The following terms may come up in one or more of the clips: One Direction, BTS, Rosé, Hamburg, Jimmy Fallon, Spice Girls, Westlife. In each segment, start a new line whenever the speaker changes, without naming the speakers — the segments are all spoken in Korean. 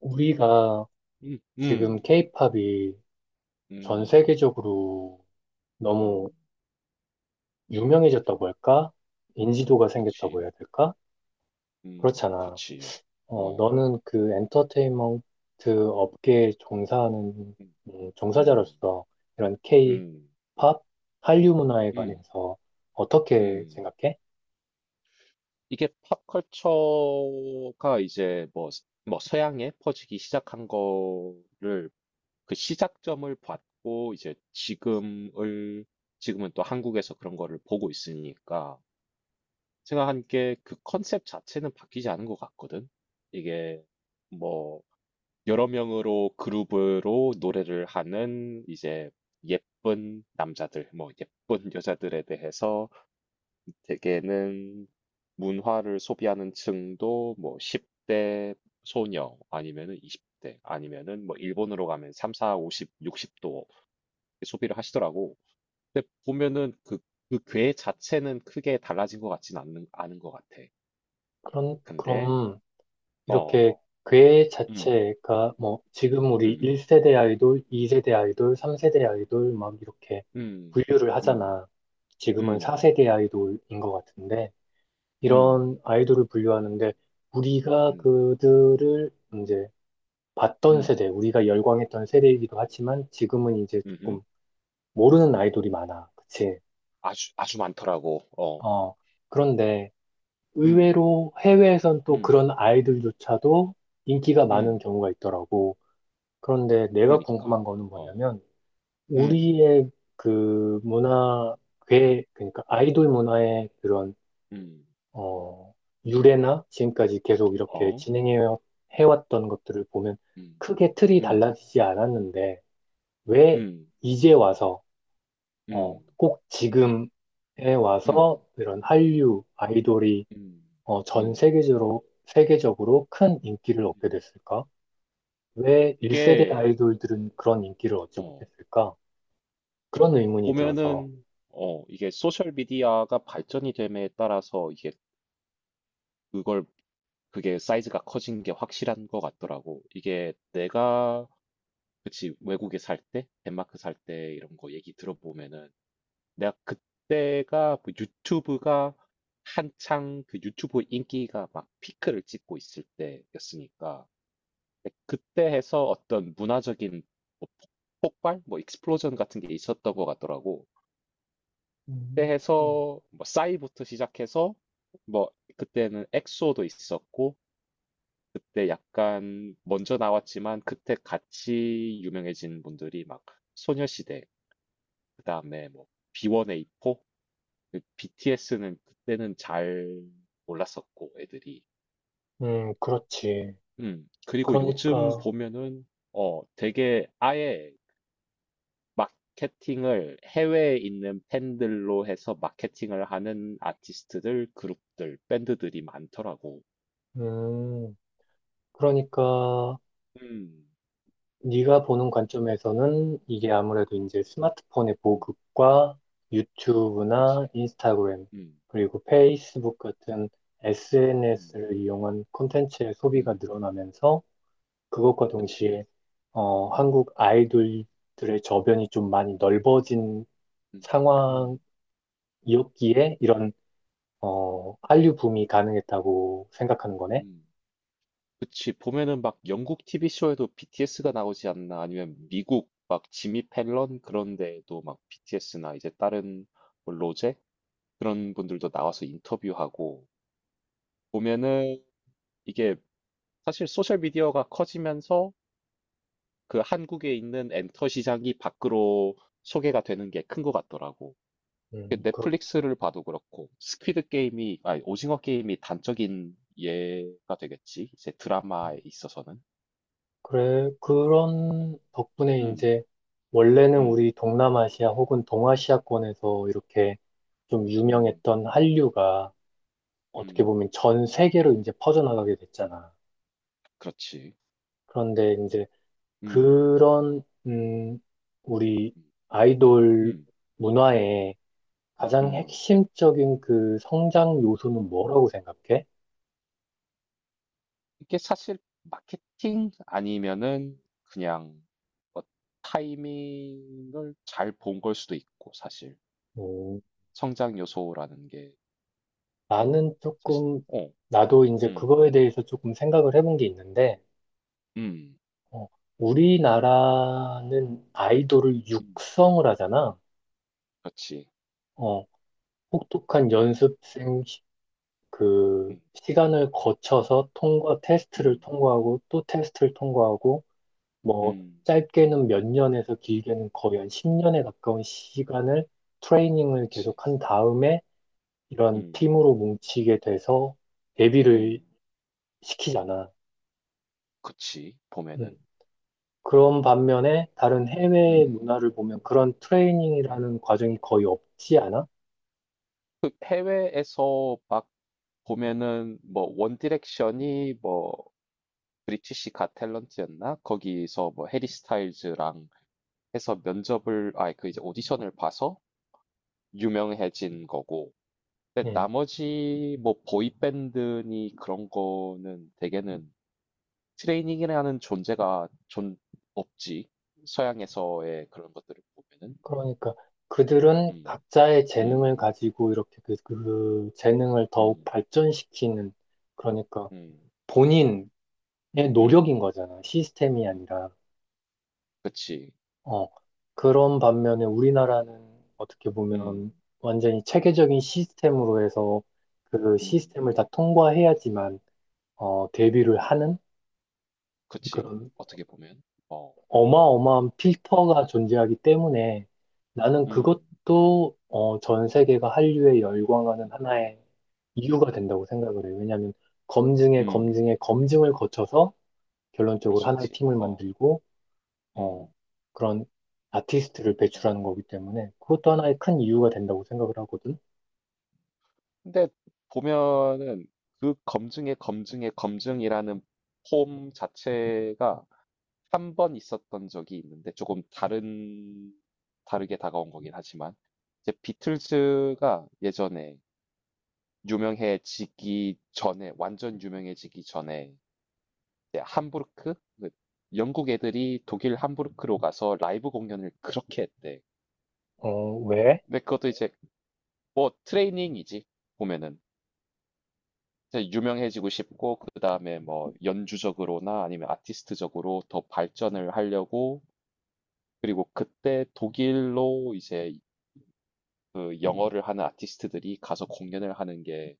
우리가
음, 음,
지금 케이팝이 전
음,
세계적으로
음,
너무 유명해졌다고 할까? 인지도가 생겼다고
그치,
해야 될까? 그렇잖아.
그치,
어,
어,
너는 그 엔터테인먼트 업계에 종사하는
음, 음,
종사자로서 이런 케이팝
음,
한류 문화에
음,
관해서 어떻게
음.
생각해?
이게 팝컬처가 이제 뭐, 뭐 서양에 퍼지기 시작한 거를 그 시작점을 봤고 이제 지금을, 지금은 또 한국에서 그런 거를 보고 있으니까 생각한 게, 그 컨셉 자체는 바뀌지 않은 것 같거든. 이게 뭐 여러 명으로 그룹으로 노래를 하는, 이제 예쁜 남자들, 뭐 예쁜 여자들에 대해서 대개는 문화를 소비하는 층도 뭐 10대 소녀 아니면은 20대 아니면은 뭐 일본으로 가면 3, 4, 50, 60도 소비를 하시더라고. 근데 보면은 그, 그 괴 자체는 크게 달라진 것 같진 않은 것 같아.
그런,
근데,
그럼
어,
이렇게 괴
음,
자체가 뭐 지금 우리
음,
1세대 아이돌, 2세대 아이돌, 3세대 아이돌 막 이렇게
음,
분류를
음,
하잖아. 지금은
음,
4세대 아이돌인 것 같은데
음.
이런 아이돌을 분류하는데 우리가
음.
그들을 이제 봤던
음.
세대, 우리가 열광했던 세대이기도 하지만 지금은 이제
음음.
조금 모르는 아이돌이 많아. 그치?
아주 아주 많더라고. 어.
어, 그런데
음.
의외로 해외에선 또
음.
그런 아이돌조차도 인기가 많은
음.
경우가 있더라고. 그런데 내가
그러니까.
궁금한 거는
어.
뭐냐면,
음.
우리의 그 문화, 괴, 그러니까 아이돌 문화의 그런,
음.
어, 유래나 지금까지 계속 이렇게
어.
진행해 해왔던 것들을 보면
음.
크게 틀이
음.
달라지지 않았는데, 왜
음.
이제 와서, 어,
음.
꼭 지금에 와서
음.
이런 한류 아이돌이,
음.
어, 전
음.
세계적으로, 세계적으로 큰 인기를 얻게 됐을까? 왜 1세대
이게
아이돌들은 그런 인기를 얻지
어
못했을까? 그런 의문이 들어서.
보면은 이게 소셜 미디어가 발전이 됨에 따라서, 이게 그걸 그게 사이즈가 커진 게 확실한 것 같더라고. 이게 내가, 그치, 외국에 살 때, 덴마크 살 때 이런 거 얘기 들어보면은, 내가 그때가, 그 유튜브가 한창 그 유튜브 인기가 막 피크를 찍고 있을 때였으니까. 근데 그때 해서 어떤 문화적인 뭐 폭발, 뭐 익스플로전 같은 게 있었던 것 같더라고. 그때
음,
해서 뭐 싸이부터 시작해서, 뭐 그때는 엑소도 있었고, 그때 약간 먼저 나왔지만 그때 같이 유명해진 분들이 막 소녀시대, 그다음에 뭐 B1A4. 그 BTS는 그때는 잘 몰랐었고 애들이.
그렇지. 그렇지.
음. 그리고 요즘
그러니까,
보면은 되게 아예 마케팅을 해외에 있는 팬들로 해서 마케팅을 하는 아티스트들, 그룹들, 밴드들이 많더라고.
음, 그러니까,
음.
네가 보는 관점에서는 이게 아무래도 이제 스마트폰의
음.
보급과
그치.
유튜브나 인스타그램,
음.
그리고 페이스북 같은
음.
SNS를 이용한 콘텐츠의 소비가
음.
늘어나면서 그것과
그치.
동시에, 어,
음.
한국 아이돌들의 저변이 좀 많이 넓어진
음. 음.
상황이었기에 이런 어, 한류 붐이
음.
가능했다고 생각하는 거네.
음. 그치, 보면은 막 영국 TV쇼에도 BTS가 나오지 않나, 아니면 미국 막 지미 펠런 그런 데에도 막 BTS나 이제 다른 뭐 로제? 그런 분들도 나와서 인터뷰하고. 보면은 이게 사실 소셜미디어가 커지면서 그 한국에 있는 엔터 시장이 밖으로 소개가 되는 게 큰 것 같더라고. 그
그, 렇
넷플릭스를 봐도 그렇고, 스퀴드 게임이, 아니, 오징어 게임이 단적인 예가 되겠지, 이제 드라마에 있어서는.
그래. 그런 덕분에
음,
이제 원래는
음,
우리 동남아시아 혹은 동아시아권에서 이렇게 좀
음.
유명했던 한류가 어떻게
음.
보면 전 세계로 이제 퍼져나가게 됐잖아.
그렇지.
그런데 이제
음.
그런, 우리
음.
아이돌
음.
문화의 가장
음.
핵심적인 그 성장 요소는 뭐라고 생각해?
이게 사실 마케팅 아니면은, 그냥 뭐 타이밍을 잘 본 걸 수도 있고. 사실 성장 요소라는 게,
나는
사실
조금,
어.
나도 이제
음.
그거에 대해서 조금 생각을 해본 게 있는데,
음.
어, 우리나라는 아이돌을
음.
육성을 하잖아.
그렇지.
어, 혹독한 연습생 시- 그
음.
시간을 거쳐서 통과, 테스트를
음.
통과하고 또 테스트를 통과하고, 뭐,
음.
짧게는 몇 년에서 길게는 거의 한 10년에 가까운 시간을 트레이닝을
그렇지.
계속 한 다음에 이런
음.
팀으로 뭉치게 돼서 데뷔를
음.
시키잖아.
그렇지.
음.
보면은
그런 반면에 다른 해외
음.
문화를 보면 그런
음.
트레이닝이라는 과정이 거의 없지 않아?
그 해외에서 막 보면은, 뭐 원디렉션이 뭐 브리티시 갓 탤런트였나? 거기서 뭐 해리 스타일즈랑 해서 면접을, 아 그 이제 오디션을 봐서 유명해진 거고. 근데
예.
나머지 뭐 보이밴드니 그런 거는 대개는 트레이닝이라는 존재가 존 없지. 서양에서의 그런 것들을 보면은.
그러니까 그들은
음,
각자의
음,
재능을 가지고 이렇게 그, 그 재능을 더욱
음,
발전시키는 그러니까
음,
본인의
음,
노력인 거잖아. 시스템이 아니라.
그치,
어. 그런 반면에 우리나라는 어떻게
음,
보면 완전히 체계적인 시스템으로 해서 그
음,
시스템을 다 통과해야지만 어, 데뷔를 하는
그치.
그런
어떻게 보면, 어,
어마어마한 필터가 존재하기 때문에 나는
음,
그것도 어, 전 세계가 한류에 열광하는
음,
하나의 이유가 된다고 생각을 해요. 왜냐하면 검증에
음.
검증에 검증을 거쳐서
그럴
결론적으로
수
하나의
있지.
팀을
어,
만들고 어,
음.
그런 아티스트를
음.
배출하는 거기 때문에 그것도 하나의 큰 이유가 된다고 생각을 하거든.
근데 보면은 그 검증의 검증의 검증이라는 폼 자체가 한 번 있었던 적이 있는데, 조금 다른 다르게 다가온 거긴 하지만, 이제 비틀즈가 예전에 유명해지기 전에, 완전 유명해지기 전에 이제 함부르크, 그 영국 애들이 독일 함부르크로 가서 라이브 공연을 그렇게 했대.
어, 왜?
근데 그것도 이제 뭐 트레이닝이지. 보면은 이제 유명해지고 싶고, 그 다음에 뭐 연주적으로나 아니면 아티스트적으로 더 발전을 하려고. 그리고 그때 독일로 이제 그 영어를 하는 아티스트들이 가서 공연을 하는 게,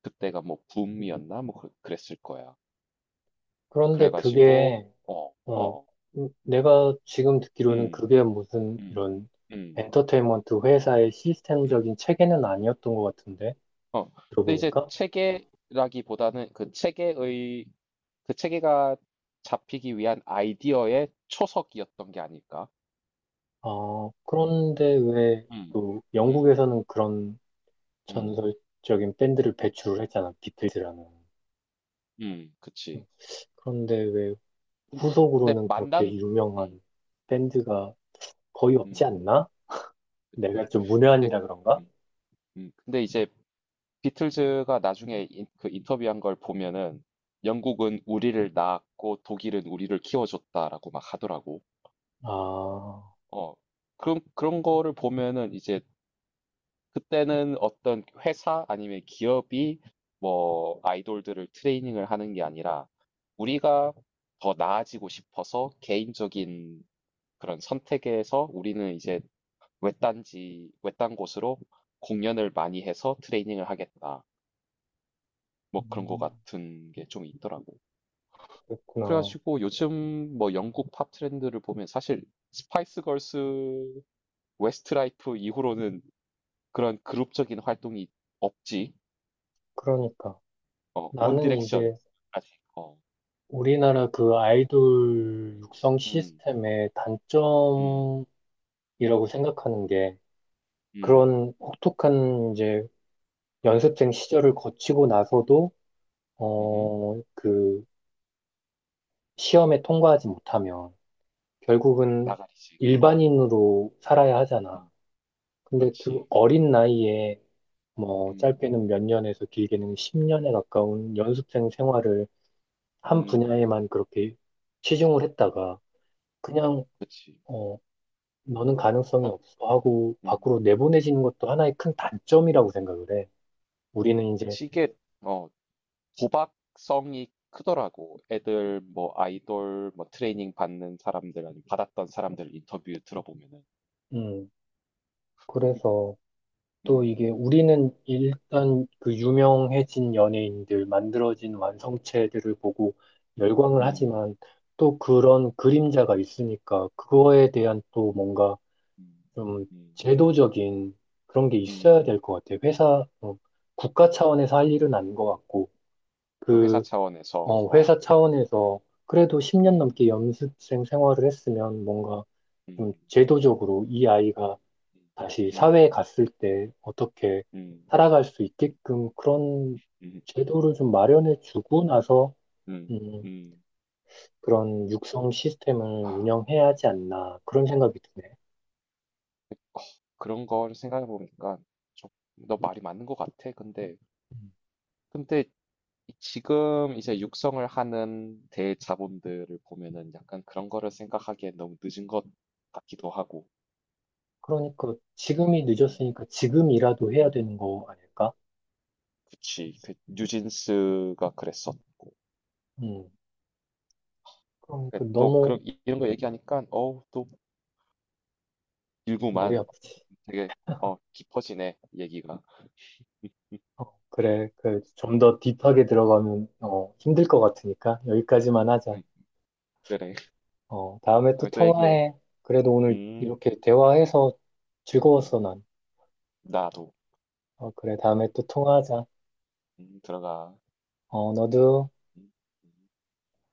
그때가 뭐 붐이었나? 뭐 그랬을 거야.
그런데 그게
그래가지고,
어, 내가 지금 듣기로는
음,
그게 무슨
음,
이런
음,
엔터테인먼트 회사의
음,
시스템적인 체계는 아니었던 것 같은데,
어. 근데 이제
들어보니까.
체계라기보다는 그 체계의, 그 체계가 잡히기 위한 아이디어의 초석이었던 게 아닐까?
아, 그런데 왜
음,
또
음.
영국에서는 그런
음.
전설적인 밴드를 배출을 했잖아, 비틀즈라는.
음. 그치.
그런데 왜
근- 근데
후속으로는 그렇게
만난,
유명한
음.
밴드가 거의 없지
음.
않나?
그치.
내가 좀
근데
문외한이라 그런가?
음. 음. 근데 이제 비틀즈가 나중에 그 인터뷰한 걸 보면은, 영국은 우리를 낳았고 독일은 우리를 키워줬다라고 막 하더라고.
아,
어. 그런 그런 거를 보면은 이제, 그때는 어떤 회사 아니면 기업이 뭐 아이돌들을 트레이닝을 하는 게 아니라, 우리가 더 나아지고 싶어서 개인적인 그런 선택에서 우리는 이제 외딴 곳으로 공연을 많이 해서 트레이닝을 하겠다, 뭐 그런 거
음,
같은 게 좀 있더라고.
그랬구나.
그래가지고 요즘 뭐 영국 팝 트렌드를 보면, 사실 스파이스 걸스, 웨스트라이프 이후로는 그런 그룹적인 활동이 없지.
그러니까.
어, 원
나는
디렉션.
이제
아직, 어,
우리나라 그 아이돌 육성
음,
시스템의
음,
단점이라고 생각하는 게
음,
그런 혹독한 이제 연습생
음,
시절을 거치고 나서도
음.
어, 그 시험에 통과하지 못하면 결국은
나가리지. 어,
일반인으로 살아야 하잖아.
음,
근데 그
그렇지.
어린 나이에 뭐
음,
짧게는 몇 년에서 길게는 10년에 가까운 연습생 생활을 한
음,
분야에만 그렇게 치중을 했다가 그냥
그렇지.
어, 너는 가능성이
어,
없어 하고
음.
밖으로 내보내지는 것도 하나의 큰 단점이라고 생각을 해. 우리는 이제,
그치, 이게, 어, 도박성이 크더라고. 애들 뭐 아이돌 뭐 트레이닝 받는 사람들 아니면 받았던 사람들 인터뷰 들어보면은.
음, 그래서 또
음,
이게 우리는 일단 그 유명해진 연예인들, 만들어진 완성체들을 보고 열광을
음,
하지만 또 그런 그림자가 있으니까 그거에 대한 또 뭔가
음,
좀
음,
제도적인 그런 게 있어야
음.
될 것 같아. 회사, 어, 국가 차원에서 할 일은 아닌 것 같고,
그 회사
그
차원에서,
어,
어,
회사 차원에서 그래도 10년
음,
넘게 연습생 생활을 했으면 뭔가 좀
음,
제도적으로 이 아이가 다시
음,
사회에 갔을 때 어떻게
음,
살아갈 수 있게끔 그런
음,
제도를 좀 마련해 주고 나서
음,
음,
음.
그런 육성 시스템을
아,
운영해야 하지 않나 그런 생각이 드네.
어, 그런 걸 생각해 보니까 너 말이 맞는 것 같아. 근데
음,
근데 지금 이제 육성을 하는 대자본들을 보면은 약간 그런 거를 생각하기엔 너무 늦은 것 같기도 하고.
그러니까 지금이
음,
늦었으니까 지금이라도 해야
음,
되는 거 아닐까?
그치. 그 뉴진스가 그랬었고.
음, 그러니까
그또
너무
그런 이런 거 얘기하니까 어우 또
머리
일구만
아프지.
되게 어 깊어지네 얘기가.
어, 그래. 그, 좀 더 딥하게 들어가면, 어, 힘들 것 같으니까 여기까지만 하자.
음, 그래.
어, 다음에 또
다음에 또 얘기해.
통화해. 그래도 오늘
음,
이렇게 대화해서
음,
즐거웠어, 난.
나도.
어, 그래. 다음에 또 통화하자.
들어가.
어, 너도.
음, 음.